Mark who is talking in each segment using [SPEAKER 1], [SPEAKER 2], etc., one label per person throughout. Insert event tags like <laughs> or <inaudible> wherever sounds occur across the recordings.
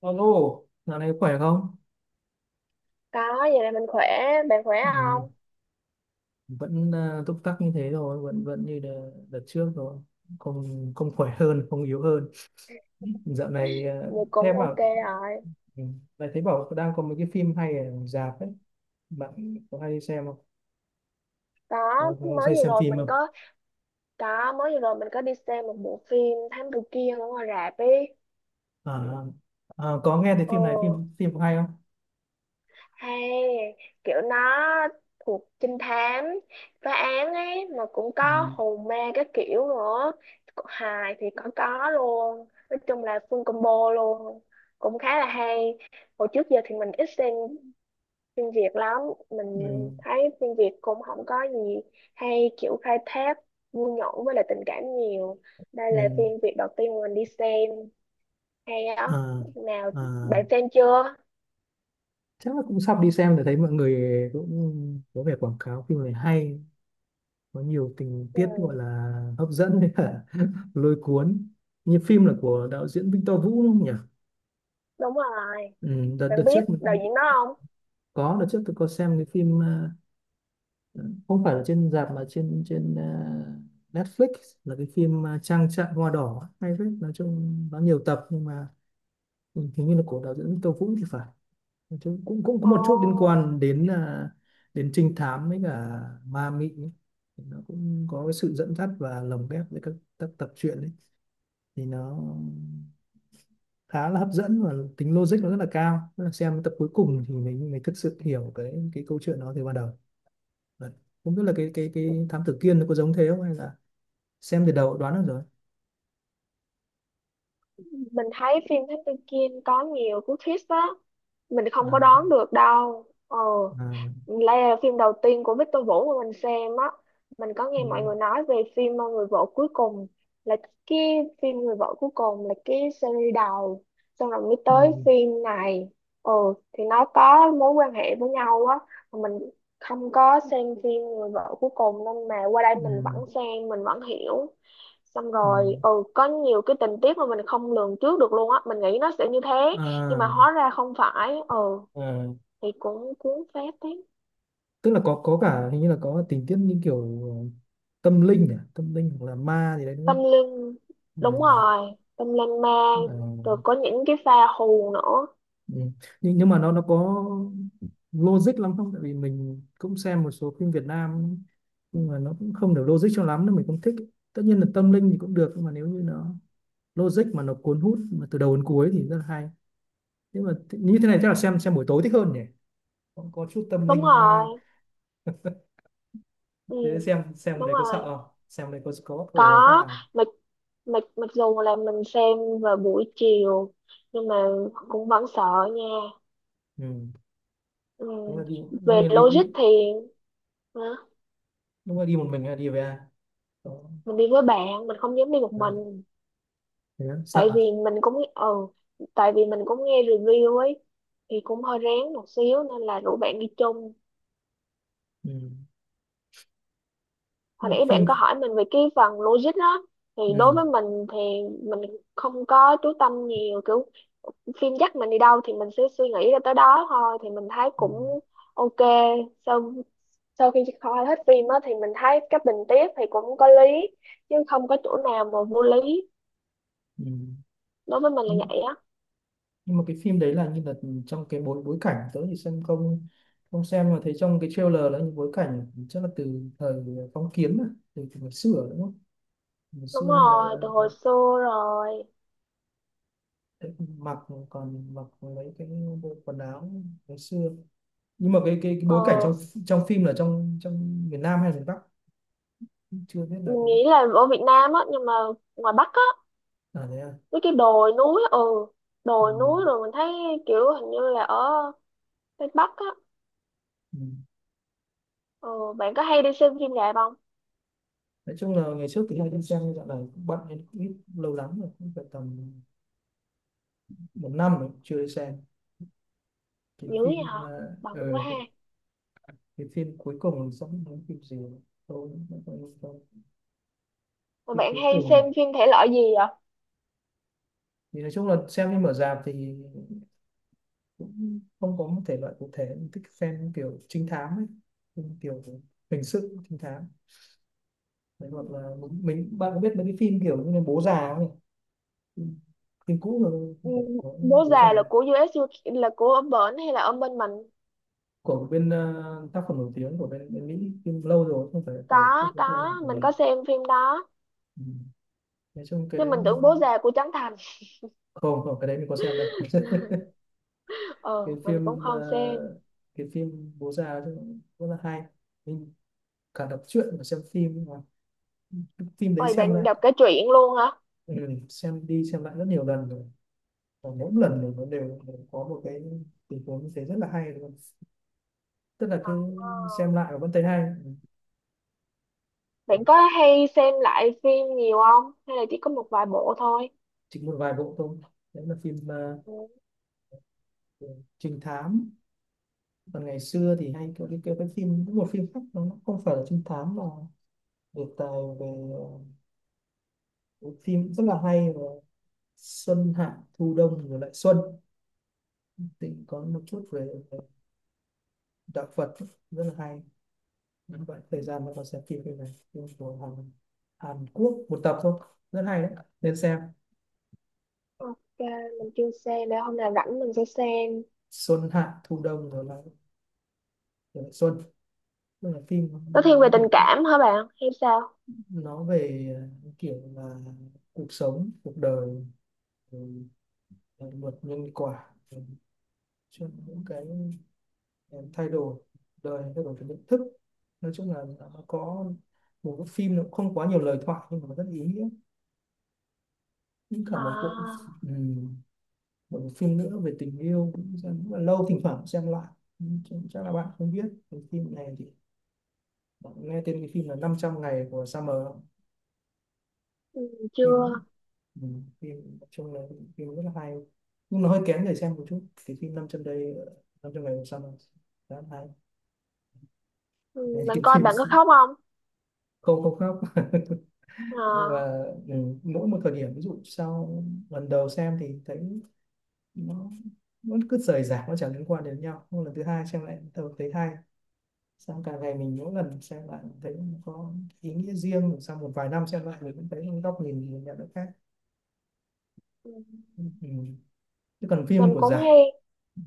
[SPEAKER 1] Alo, dạo này khỏe không?
[SPEAKER 2] Có, vậy là mình khỏe, bạn khỏe
[SPEAKER 1] Ừ,
[SPEAKER 2] không?
[SPEAKER 1] vẫn à, túc tắc như thế rồi, vẫn vẫn như đợt trước rồi, không không khỏe hơn, không yếu hơn. Dạo này à,
[SPEAKER 2] Vậy cũng
[SPEAKER 1] em
[SPEAKER 2] ok
[SPEAKER 1] bảo
[SPEAKER 2] rồi.
[SPEAKER 1] ừ, lại thấy bảo đang có mấy cái phim hay ở rạp ấy, bạn có hay đi xem không?
[SPEAKER 2] Có,
[SPEAKER 1] Có
[SPEAKER 2] mới
[SPEAKER 1] hay
[SPEAKER 2] vừa
[SPEAKER 1] xem
[SPEAKER 2] rồi
[SPEAKER 1] phim
[SPEAKER 2] mình
[SPEAKER 1] không?
[SPEAKER 2] có, mới vừa rồi mình có đi xem một bộ phim Thám Tử Kiên ở ngoài rạp ý.
[SPEAKER 1] À, à, có nghe thấy
[SPEAKER 2] Ừ,
[SPEAKER 1] phim này phim phim hay không?
[SPEAKER 2] hay, kiểu nó thuộc trinh thám, phá án ấy, mà cũng có
[SPEAKER 1] Ừ,
[SPEAKER 2] hồn ma các kiểu nữa. Hài thì có luôn, nói chung là full combo luôn. Cũng khá là hay. Hồi trước giờ thì mình ít xem phim Việt lắm, mình
[SPEAKER 1] ừ,
[SPEAKER 2] thấy phim Việt cũng không có gì hay, kiểu khai thác vui nhộn với lại tình cảm nhiều. Đây là phim
[SPEAKER 1] ừ.
[SPEAKER 2] Việt đầu tiên mình đi xem hay á
[SPEAKER 1] À,
[SPEAKER 2] nào.
[SPEAKER 1] à,
[SPEAKER 2] Bạn xem chưa?
[SPEAKER 1] chắc là cũng sắp đi xem để thấy mọi người cũng có vẻ quảng cáo phim này hay, có nhiều tình tiết gọi
[SPEAKER 2] Ừ,
[SPEAKER 1] là hấp dẫn với cả <laughs> lôi cuốn, như phim là của đạo diễn Victor Vũ đúng không nhỉ?
[SPEAKER 2] đúng rồi.
[SPEAKER 1] Ừ, đợt đợt
[SPEAKER 2] Bạn
[SPEAKER 1] trước
[SPEAKER 2] biết đạo
[SPEAKER 1] mình
[SPEAKER 2] diễn đó không?
[SPEAKER 1] có, đợt trước tôi có xem cái phim à, không phải là trên rạp mà trên trên à, Netflix, là cái phim à, Trang trại hoa đỏ, hay phết, nói chung nó nhiều tập nhưng mà ừ, hình như là của đạo diễn Victor Vũ thì phải. Nói chung cũng cũng có
[SPEAKER 2] Ồ,
[SPEAKER 1] một chút liên quan đến à, đến trinh thám với cả ma mị ấy. Nó cũng có cái sự dẫn dắt và lồng ghép với các tập truyện ấy, thì nó khá là hấp dẫn và tính logic nó rất là cao. Tức là xem cái tập cuối cùng thì mình thực sự hiểu cái câu chuyện nó từ ban đầu. Đấy. Không biết là cái thám tử Kiên nó có giống thế không, hay là xem từ đầu đoán được rồi.
[SPEAKER 2] mình thấy phim Thám Tử Kiên có nhiều cú twist á, mình không có
[SPEAKER 1] À,
[SPEAKER 2] đoán được đâu. Ờ,
[SPEAKER 1] à,
[SPEAKER 2] đây là phim đầu tiên của Victor Vũ mà mình xem á. Mình có nghe mọi
[SPEAKER 1] ừ,
[SPEAKER 2] người nói về phim Người vợ cuối cùng, là cái phim Người vợ cuối cùng là cái series đầu. Xong rồi mới
[SPEAKER 1] ừ,
[SPEAKER 2] tới phim này. Ừ, thì nó có mối quan hệ với nhau á. Mà mình không có xem phim Người vợ cuối cùng nên mà qua đây mình
[SPEAKER 1] ừ,
[SPEAKER 2] vẫn xem, mình vẫn hiểu. Xong
[SPEAKER 1] ừ.
[SPEAKER 2] rồi, ừ, có nhiều cái tình tiết mà mình không lường trước được luôn á. Mình nghĩ nó sẽ như thế, nhưng mà
[SPEAKER 1] À,
[SPEAKER 2] hóa ra không phải. Ừ,
[SPEAKER 1] à,
[SPEAKER 2] thì cũng cuốn phết thế.
[SPEAKER 1] tức là có cả hình như là có tình tiết như kiểu tâm linh à? Tâm linh hoặc là ma gì đấy đúng
[SPEAKER 2] Tâm
[SPEAKER 1] không?
[SPEAKER 2] linh, đúng rồi, tâm linh ma,
[SPEAKER 1] À, à,
[SPEAKER 2] rồi có những cái pha hù nữa.
[SPEAKER 1] Ừ. Nhưng mà nó có logic lắm không? Tại vì mình cũng xem một số phim Việt Nam nhưng mà nó cũng không được logic cho lắm nên mình không thích. Tất nhiên là tâm linh thì cũng được, nhưng mà nếu như nó logic mà nó cuốn hút mà từ đầu đến cuối thì rất là hay. Nhưng mà như thế này chắc là xem buổi tối thích hơn nhỉ? Có chút tâm
[SPEAKER 2] Đúng
[SPEAKER 1] linh
[SPEAKER 2] rồi.
[SPEAKER 1] ma,
[SPEAKER 2] Ừ,
[SPEAKER 1] thế xem cái
[SPEAKER 2] đúng
[SPEAKER 1] đấy có sợ
[SPEAKER 2] rồi,
[SPEAKER 1] không? Xem đấy có
[SPEAKER 2] có.
[SPEAKER 1] ồ phát nào?
[SPEAKER 2] Mặc mặc mặc dù là mình xem vào buổi chiều nhưng mà cũng vẫn sợ nha.
[SPEAKER 1] Ừ.
[SPEAKER 2] Ừ.
[SPEAKER 1] Thế là đi, lúc
[SPEAKER 2] Về
[SPEAKER 1] này đi đi
[SPEAKER 2] logic thì, hả?
[SPEAKER 1] lúc này đi một mình hay đi về ai? Có-
[SPEAKER 2] Mình đi với bạn, mình không dám đi một
[SPEAKER 1] À,
[SPEAKER 2] mình.
[SPEAKER 1] thế á,
[SPEAKER 2] Tại vì
[SPEAKER 1] sợ.
[SPEAKER 2] mình cũng, ừ, tại vì mình cũng nghe review ấy thì cũng hơi rén một xíu nên là rủ bạn đi chung.
[SPEAKER 1] Ừ. Tức
[SPEAKER 2] Hồi
[SPEAKER 1] là cái
[SPEAKER 2] nãy bạn có
[SPEAKER 1] phim
[SPEAKER 2] hỏi mình về cái phần logic đó, thì đối
[SPEAKER 1] ừ.
[SPEAKER 2] với mình thì mình không có chú tâm nhiều, kiểu phim dắt mình đi đâu thì mình sẽ suy nghĩ ra tới đó thôi, thì mình thấy
[SPEAKER 1] Ừ.
[SPEAKER 2] cũng ok. Sau sau khi coi hết phim á thì mình thấy cái tình tiết thì cũng có lý, chứ không có chỗ nào mà vô lý.
[SPEAKER 1] Ừ.
[SPEAKER 2] Đối với mình là
[SPEAKER 1] nhưng,
[SPEAKER 2] vậy á.
[SPEAKER 1] nhưng mà cái phim đấy là như là trong cái bối bối cảnh tớ thì xem không, không xem mà thấy trong cái trailer là những bối cảnh chắc là từ thời phong kiến mà, từ ngày xưa đúng không, ngày
[SPEAKER 2] Đúng
[SPEAKER 1] xưa hay là,
[SPEAKER 2] rồi, từ
[SPEAKER 1] hay,
[SPEAKER 2] hồi xưa rồi.
[SPEAKER 1] hay mặc, còn mặc mấy cái bộ quần áo ngày xưa. Nhưng mà cái
[SPEAKER 2] Ờ,
[SPEAKER 1] bối cảnh trong trong phim là trong trong miền Nam hay miền Bắc chưa biết là
[SPEAKER 2] mình
[SPEAKER 1] cái
[SPEAKER 2] nghĩ là ở Việt Nam á, nhưng mà ngoài Bắc á,
[SPEAKER 1] à thế à
[SPEAKER 2] với cái đồi núi. Ừ, đồi
[SPEAKER 1] ừ.
[SPEAKER 2] núi, rồi mình thấy kiểu hình như là ở Tây Bắc á.
[SPEAKER 1] Ừ.
[SPEAKER 2] Ờ, bạn có hay đi xem phim rạp không?
[SPEAKER 1] Nói chung là ngày trước thì hay đi xem nhưng dạo này cũng bận nên cũng ít, lâu lắm rồi, cũng phải tầm một năm rồi chưa đi xem cái
[SPEAKER 2] Dữ vậy
[SPEAKER 1] phim
[SPEAKER 2] hả?
[SPEAKER 1] mà ờ,
[SPEAKER 2] Bận quá ha.
[SPEAKER 1] cái phim cuối cùng giống giống phim gì tôi cũng không nhớ đâu.
[SPEAKER 2] Mà
[SPEAKER 1] Phim
[SPEAKER 2] bạn
[SPEAKER 1] cuối
[SPEAKER 2] hay xem
[SPEAKER 1] cùng
[SPEAKER 2] phim thể loại gì vậy?
[SPEAKER 1] thì nói chung là xem phim ở rạp thì cũng không có một thể loại cụ thể, thích xem kiểu trinh thám ấy, phim kiểu hình sự trinh thám. Đấy, hoặc là bạn có biết mấy cái phim kiểu như là bố già không nhỉ? Phim, phim cũ rồi,
[SPEAKER 2] Ừ,
[SPEAKER 1] không phải có
[SPEAKER 2] bố
[SPEAKER 1] bố
[SPEAKER 2] già là
[SPEAKER 1] già
[SPEAKER 2] của US UK, là của ông Bển hay là ông bên mình?
[SPEAKER 1] của bên ờ, tác phẩm nổi tiếng của bên, bên Mỹ, phim lâu rồi, không phải của phim
[SPEAKER 2] có
[SPEAKER 1] tiếng Anh
[SPEAKER 2] có mình
[SPEAKER 1] thì
[SPEAKER 2] có xem phim đó.
[SPEAKER 1] ừ. Nói chung cái
[SPEAKER 2] Chứ
[SPEAKER 1] đấy,
[SPEAKER 2] mình tưởng bố già của Trấn Thành.
[SPEAKER 1] không không cái đấy mình có xem đâu.
[SPEAKER 2] <laughs>
[SPEAKER 1] <laughs> Cái
[SPEAKER 2] Ờ, mình cũng
[SPEAKER 1] phim ờ,
[SPEAKER 2] không xem.
[SPEAKER 1] cái phim bố già ấy rất là hay, mình cả đọc truyện và xem phim mà, cái phim đấy
[SPEAKER 2] Ôi,
[SPEAKER 1] xem
[SPEAKER 2] bạn
[SPEAKER 1] lại
[SPEAKER 2] đọc cả truyện luôn hả?
[SPEAKER 1] ừ, xem đi xem lại rất nhiều lần rồi và mỗi lần thì nó đều có một cái tình huống như thế, rất là hay luôn, tức là cứ
[SPEAKER 2] Ờ.
[SPEAKER 1] xem lại và vẫn thấy hay. Ừ,
[SPEAKER 2] Bạn có hay xem lại phim nhiều không, hay là chỉ có một vài bộ thôi?
[SPEAKER 1] chỉ một vài bộ thôi, đấy là phim ờ,
[SPEAKER 2] Ừ.
[SPEAKER 1] trinh thám. Còn ngày xưa thì hay có cái phim, một phim khác nó không phải là trinh thám mà đề tài về ờ, một phim rất là hay, và xuân hạ thu đông rồi lại xuân, Tịnh có một chút về đạo Phật, rất là hay. Những bạn thời gian nó còn xem phim cái này của Hàn, Hàn Quốc, một tập thôi, rất hay đấy, nên xem.
[SPEAKER 2] Ok, mình chưa xem, để hôm nào rảnh mình sẽ xem.
[SPEAKER 1] Xuân hạ thu đông rồi lại xuân, tức là phim
[SPEAKER 2] Nó thiên về
[SPEAKER 1] nói
[SPEAKER 2] tình
[SPEAKER 1] về,
[SPEAKER 2] cảm hả bạn, hay sao?
[SPEAKER 1] nó về ờ, kiểu là cuộc sống cuộc đời, luật nhân quả rồi chuyện những cái em thay đổi, đời thay đổi, cái nhận thức. Nói chung là nó có, một cái phim nó không quá nhiều lời thoại nhưng mà rất ý nghĩa. Những cả một bộ,
[SPEAKER 2] À,
[SPEAKER 1] ừm, một bộ phim nữa về tình yêu cũng là lâu, thỉnh thoảng xem lại. Ừ, chắc là bạn không biết cái phim này thì, bạn nghe tên cái phim là năm trăm ngày của Summer.
[SPEAKER 2] ừ, chưa.
[SPEAKER 1] Phim phim nói chung là phim rất là hay, nhưng nó hơi kén để xem một chút. Cái phim 500 đây, 500 ngày của Summer, rất hay đấy.
[SPEAKER 2] Ừ, bạn
[SPEAKER 1] Cái
[SPEAKER 2] coi
[SPEAKER 1] phim,
[SPEAKER 2] bạn có khóc không?
[SPEAKER 1] không không khóc. <laughs> Nhưng
[SPEAKER 2] À,
[SPEAKER 1] mà ừ, mỗi một thời điểm, ví dụ sau lần đầu xem thì thấy nó nó cứ rời rạc, nó chẳng liên quan đến nhau, nhưng lần thứ hai xem lại tôi thấy hay, xong càng ngày mình mỗi lần xem lại thấy nó có ý nghĩa riêng, rồi sau một vài năm xem lại mình cũng thấy góc nhìn mình nhận được khác.
[SPEAKER 2] ừ,
[SPEAKER 1] Ừ. Chứ còn
[SPEAKER 2] mình
[SPEAKER 1] phim của
[SPEAKER 2] cũng
[SPEAKER 1] giải
[SPEAKER 2] hay.
[SPEAKER 1] ừ.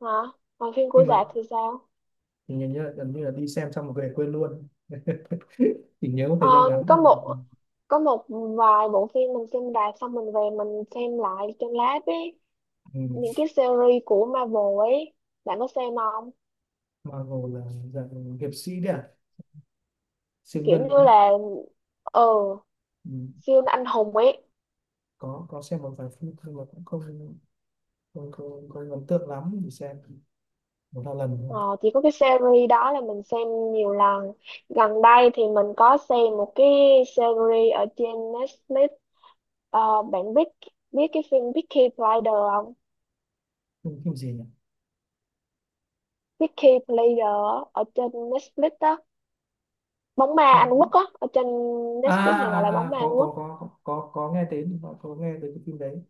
[SPEAKER 2] Hả? Còn phim của
[SPEAKER 1] Phim mà
[SPEAKER 2] Đạt thì sao?
[SPEAKER 1] thì nhìn như là, gần như là đi xem xong một về quên luôn. <laughs> Chỉ nhớ một
[SPEAKER 2] Ờ,
[SPEAKER 1] thời gian ngắn
[SPEAKER 2] có
[SPEAKER 1] thôi.
[SPEAKER 2] một có một vài bộ phim mình xem rạp xong mình về mình xem lại trên lát ấy,
[SPEAKER 1] Ừ.
[SPEAKER 2] những cái series của Marvel ấy, bạn có xem không?
[SPEAKER 1] Marvel là dạng hiệp sĩ đấy à, siêu
[SPEAKER 2] Kiểu
[SPEAKER 1] nhân đúng
[SPEAKER 2] như
[SPEAKER 1] không?
[SPEAKER 2] là, ờ,
[SPEAKER 1] Ừ.
[SPEAKER 2] siêu anh hùng ấy.
[SPEAKER 1] Có xem một vài phim nhưng mà cũng không ấn tượng lắm, để xem một hai lần thôi.
[SPEAKER 2] Ờ, chỉ có cái series đó là mình xem nhiều lần. Gần đây thì mình có xem một cái series ở trên Netflix. Ờ, bạn biết biết cái phim Peaky Blinders không?
[SPEAKER 1] Phim, phim gì nhỉ?
[SPEAKER 2] Peaky Blinders ở trên Netflix đó. Bóng ma Anh
[SPEAKER 1] Không.
[SPEAKER 2] Quốc á, ở trên
[SPEAKER 1] À,
[SPEAKER 2] Netflix này, gọi là
[SPEAKER 1] à,
[SPEAKER 2] bóng
[SPEAKER 1] à
[SPEAKER 2] ma Anh
[SPEAKER 1] có, có
[SPEAKER 2] Quốc.
[SPEAKER 1] có có có nghe đến, có nghe đến cái phim đấy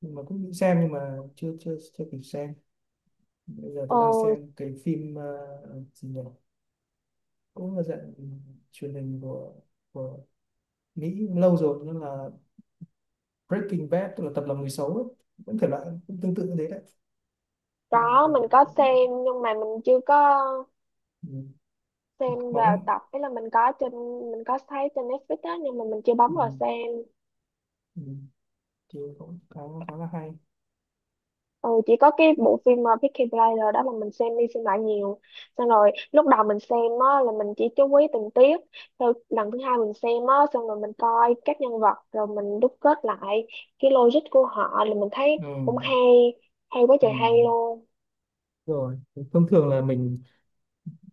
[SPEAKER 1] nhưng mà cũng định xem nhưng mà chưa chưa chưa kịp xem. Bây giờ
[SPEAKER 2] Ờ,
[SPEAKER 1] tôi đang xem cái phim ờ, gì nhỉ, cũng là dạng truyền hình của của Mỹ, lâu rồi, nhưng là Breaking Bad, tức là tập lòng người xấu ấy. Vẫn thể loại cũng tương tự như thế đấy, nhưng mà
[SPEAKER 2] có,
[SPEAKER 1] về
[SPEAKER 2] mình có xem nhưng mà mình chưa có
[SPEAKER 1] ừ,
[SPEAKER 2] xem vào
[SPEAKER 1] bóng
[SPEAKER 2] tập. Ý là mình có trên, mình có thấy trên Netflix á, nhưng mà mình chưa bấm
[SPEAKER 1] ừ,
[SPEAKER 2] vào xem.
[SPEAKER 1] ừ. Thì cũng khá khá là hay.
[SPEAKER 2] Ừ, chỉ có cái bộ phim Peaky Blinders đó mà mình xem đi xem lại nhiều. Xong rồi lúc đầu mình xem á, là mình chỉ chú ý tình tiết, sau lần thứ hai mình xem á, xong rồi mình coi các nhân vật rồi mình đúc kết lại cái logic của họ, là mình thấy
[SPEAKER 1] Ừ.
[SPEAKER 2] cũng hay, hay quá
[SPEAKER 1] Ừ.
[SPEAKER 2] trời hay luôn.
[SPEAKER 1] Rồi, thông thường là mình,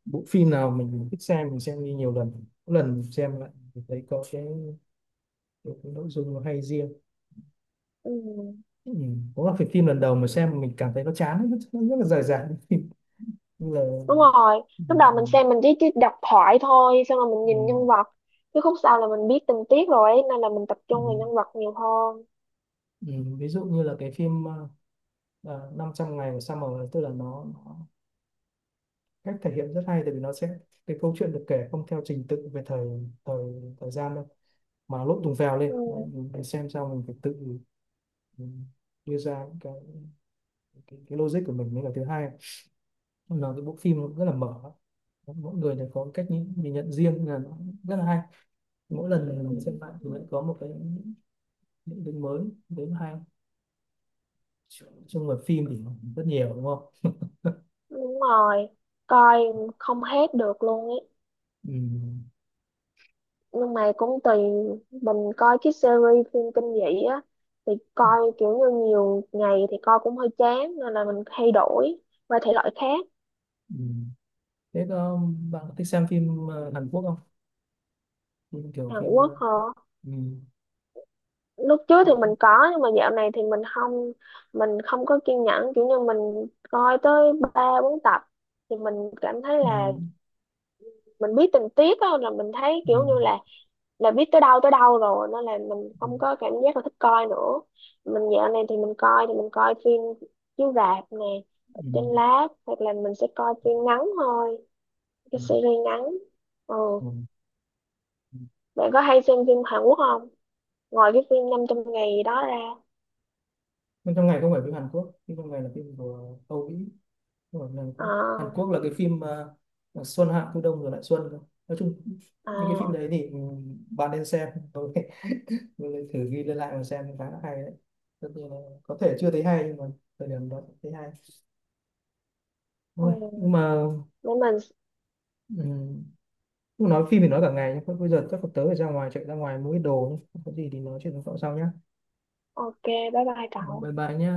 [SPEAKER 1] bộ phim nào mình thích xem mình xem đi nhiều lần, mỗi lần xem lại mình thấy có cái nội dung nó hay riêng.
[SPEAKER 2] Ừ.
[SPEAKER 1] Ừ. Có là phải phim lần đầu mà xem mình cảm thấy nó chán, nó rất, nó rất là dài dẳng <laughs> như là
[SPEAKER 2] Đúng rồi,
[SPEAKER 1] ừ.
[SPEAKER 2] lúc đầu
[SPEAKER 1] Ừ.
[SPEAKER 2] mình xem mình chỉ đọc thoại thôi, xong rồi mình
[SPEAKER 1] Ừ.
[SPEAKER 2] nhìn nhân vật, chứ khúc sau là mình biết tình tiết rồi ấy, nên là mình tập
[SPEAKER 1] Ừ.
[SPEAKER 2] trung vào nhân vật nhiều hơn.
[SPEAKER 1] Ừ. Ví dụ như là cái phim năm trăm ngày của Summer, tức là nó cách thể hiện rất hay, tại vì nó sẽ, cái câu chuyện được kể không theo trình tự về thời thời thời gian đâu, mà nó lộn tùng phèo
[SPEAKER 2] Ừ.
[SPEAKER 1] lên. Đấy, mình phải xem sao, mình phải tự mình đưa ra những cái logic của mình. Mới là thứ hai, là cái bộ phim nó rất là mở, mỗi người đều có cách nhìn nhận riêng, là nó rất là hay. Mỗi lần
[SPEAKER 2] Ừ.
[SPEAKER 1] mình xem lại
[SPEAKER 2] Ừ.
[SPEAKER 1] thì lại có một cái, những cái mới đến hay trong người phim thì rất nhiều đúng không.
[SPEAKER 2] Đúng rồi, coi không hết được luôn ấy.
[SPEAKER 1] Ừ.
[SPEAKER 2] Nhưng mà cũng tùy, mình coi cái series phim kinh dị á thì coi kiểu như nhiều ngày thì coi cũng hơi chán, nên là mình thay đổi qua thể loại khác.
[SPEAKER 1] Ừ. Thế có, bạn có thích xem phim ờ, Hàn Quốc không, phim kiểu
[SPEAKER 2] Hàn
[SPEAKER 1] phim
[SPEAKER 2] Quốc
[SPEAKER 1] ờ,
[SPEAKER 2] hả?
[SPEAKER 1] ừ.
[SPEAKER 2] Lúc trước thì mình có, nhưng mà dạo này thì mình không, mình không có kiên nhẫn, kiểu như mình coi tới ba bốn tập thì mình cảm thấy
[SPEAKER 1] Ừ.
[SPEAKER 2] là mình biết tình tiết á, là mình thấy
[SPEAKER 1] Ừ.
[SPEAKER 2] kiểu như là biết tới đâu rồi, nên là mình
[SPEAKER 1] Ừ.
[SPEAKER 2] không có cảm giác là thích coi nữa. Mình dạo này thì mình coi, thì mình coi phim chiếu rạp nè, ở
[SPEAKER 1] Ừ.
[SPEAKER 2] trên lát, hoặc là mình sẽ coi phim ngắn thôi, cái series ngắn. Ừ.
[SPEAKER 1] Ừ. Ừ.
[SPEAKER 2] Bạn có hay xem phim Hàn Quốc không, ngoài cái phim 500 ngày đó ra?
[SPEAKER 1] Bên trong ngày không phải phim Hàn Quốc, phim trong ngày là phim của Âu Mỹ, không phải phim Hàn Quốc. Hàn
[SPEAKER 2] À.
[SPEAKER 1] Quốc là cái phim ờ, là Xuân Hạ Thu Đông rồi lại Xuân thôi. Nói chung những cái phim đấy
[SPEAKER 2] À.
[SPEAKER 1] thì ừ, bạn nên xem tôi <laughs> tôi lại thử ghi lên lại mà xem, khá là hay đấy. Tất nhiên là có thể chưa thấy hay nhưng mà thời điểm đó thấy hay
[SPEAKER 2] Ừ.
[SPEAKER 1] thôi. Nhưng mà
[SPEAKER 2] Để mình.
[SPEAKER 1] um, nói phim thì nói cả ngày, nhưng bây giờ chắc là tớ phải ra ngoài, chạy ra ngoài mua ít đồ nhé. Có gì thì nói chuyện với cậu sau nhé.
[SPEAKER 2] Ok, bye bye cậu.
[SPEAKER 1] Bye bye nhé.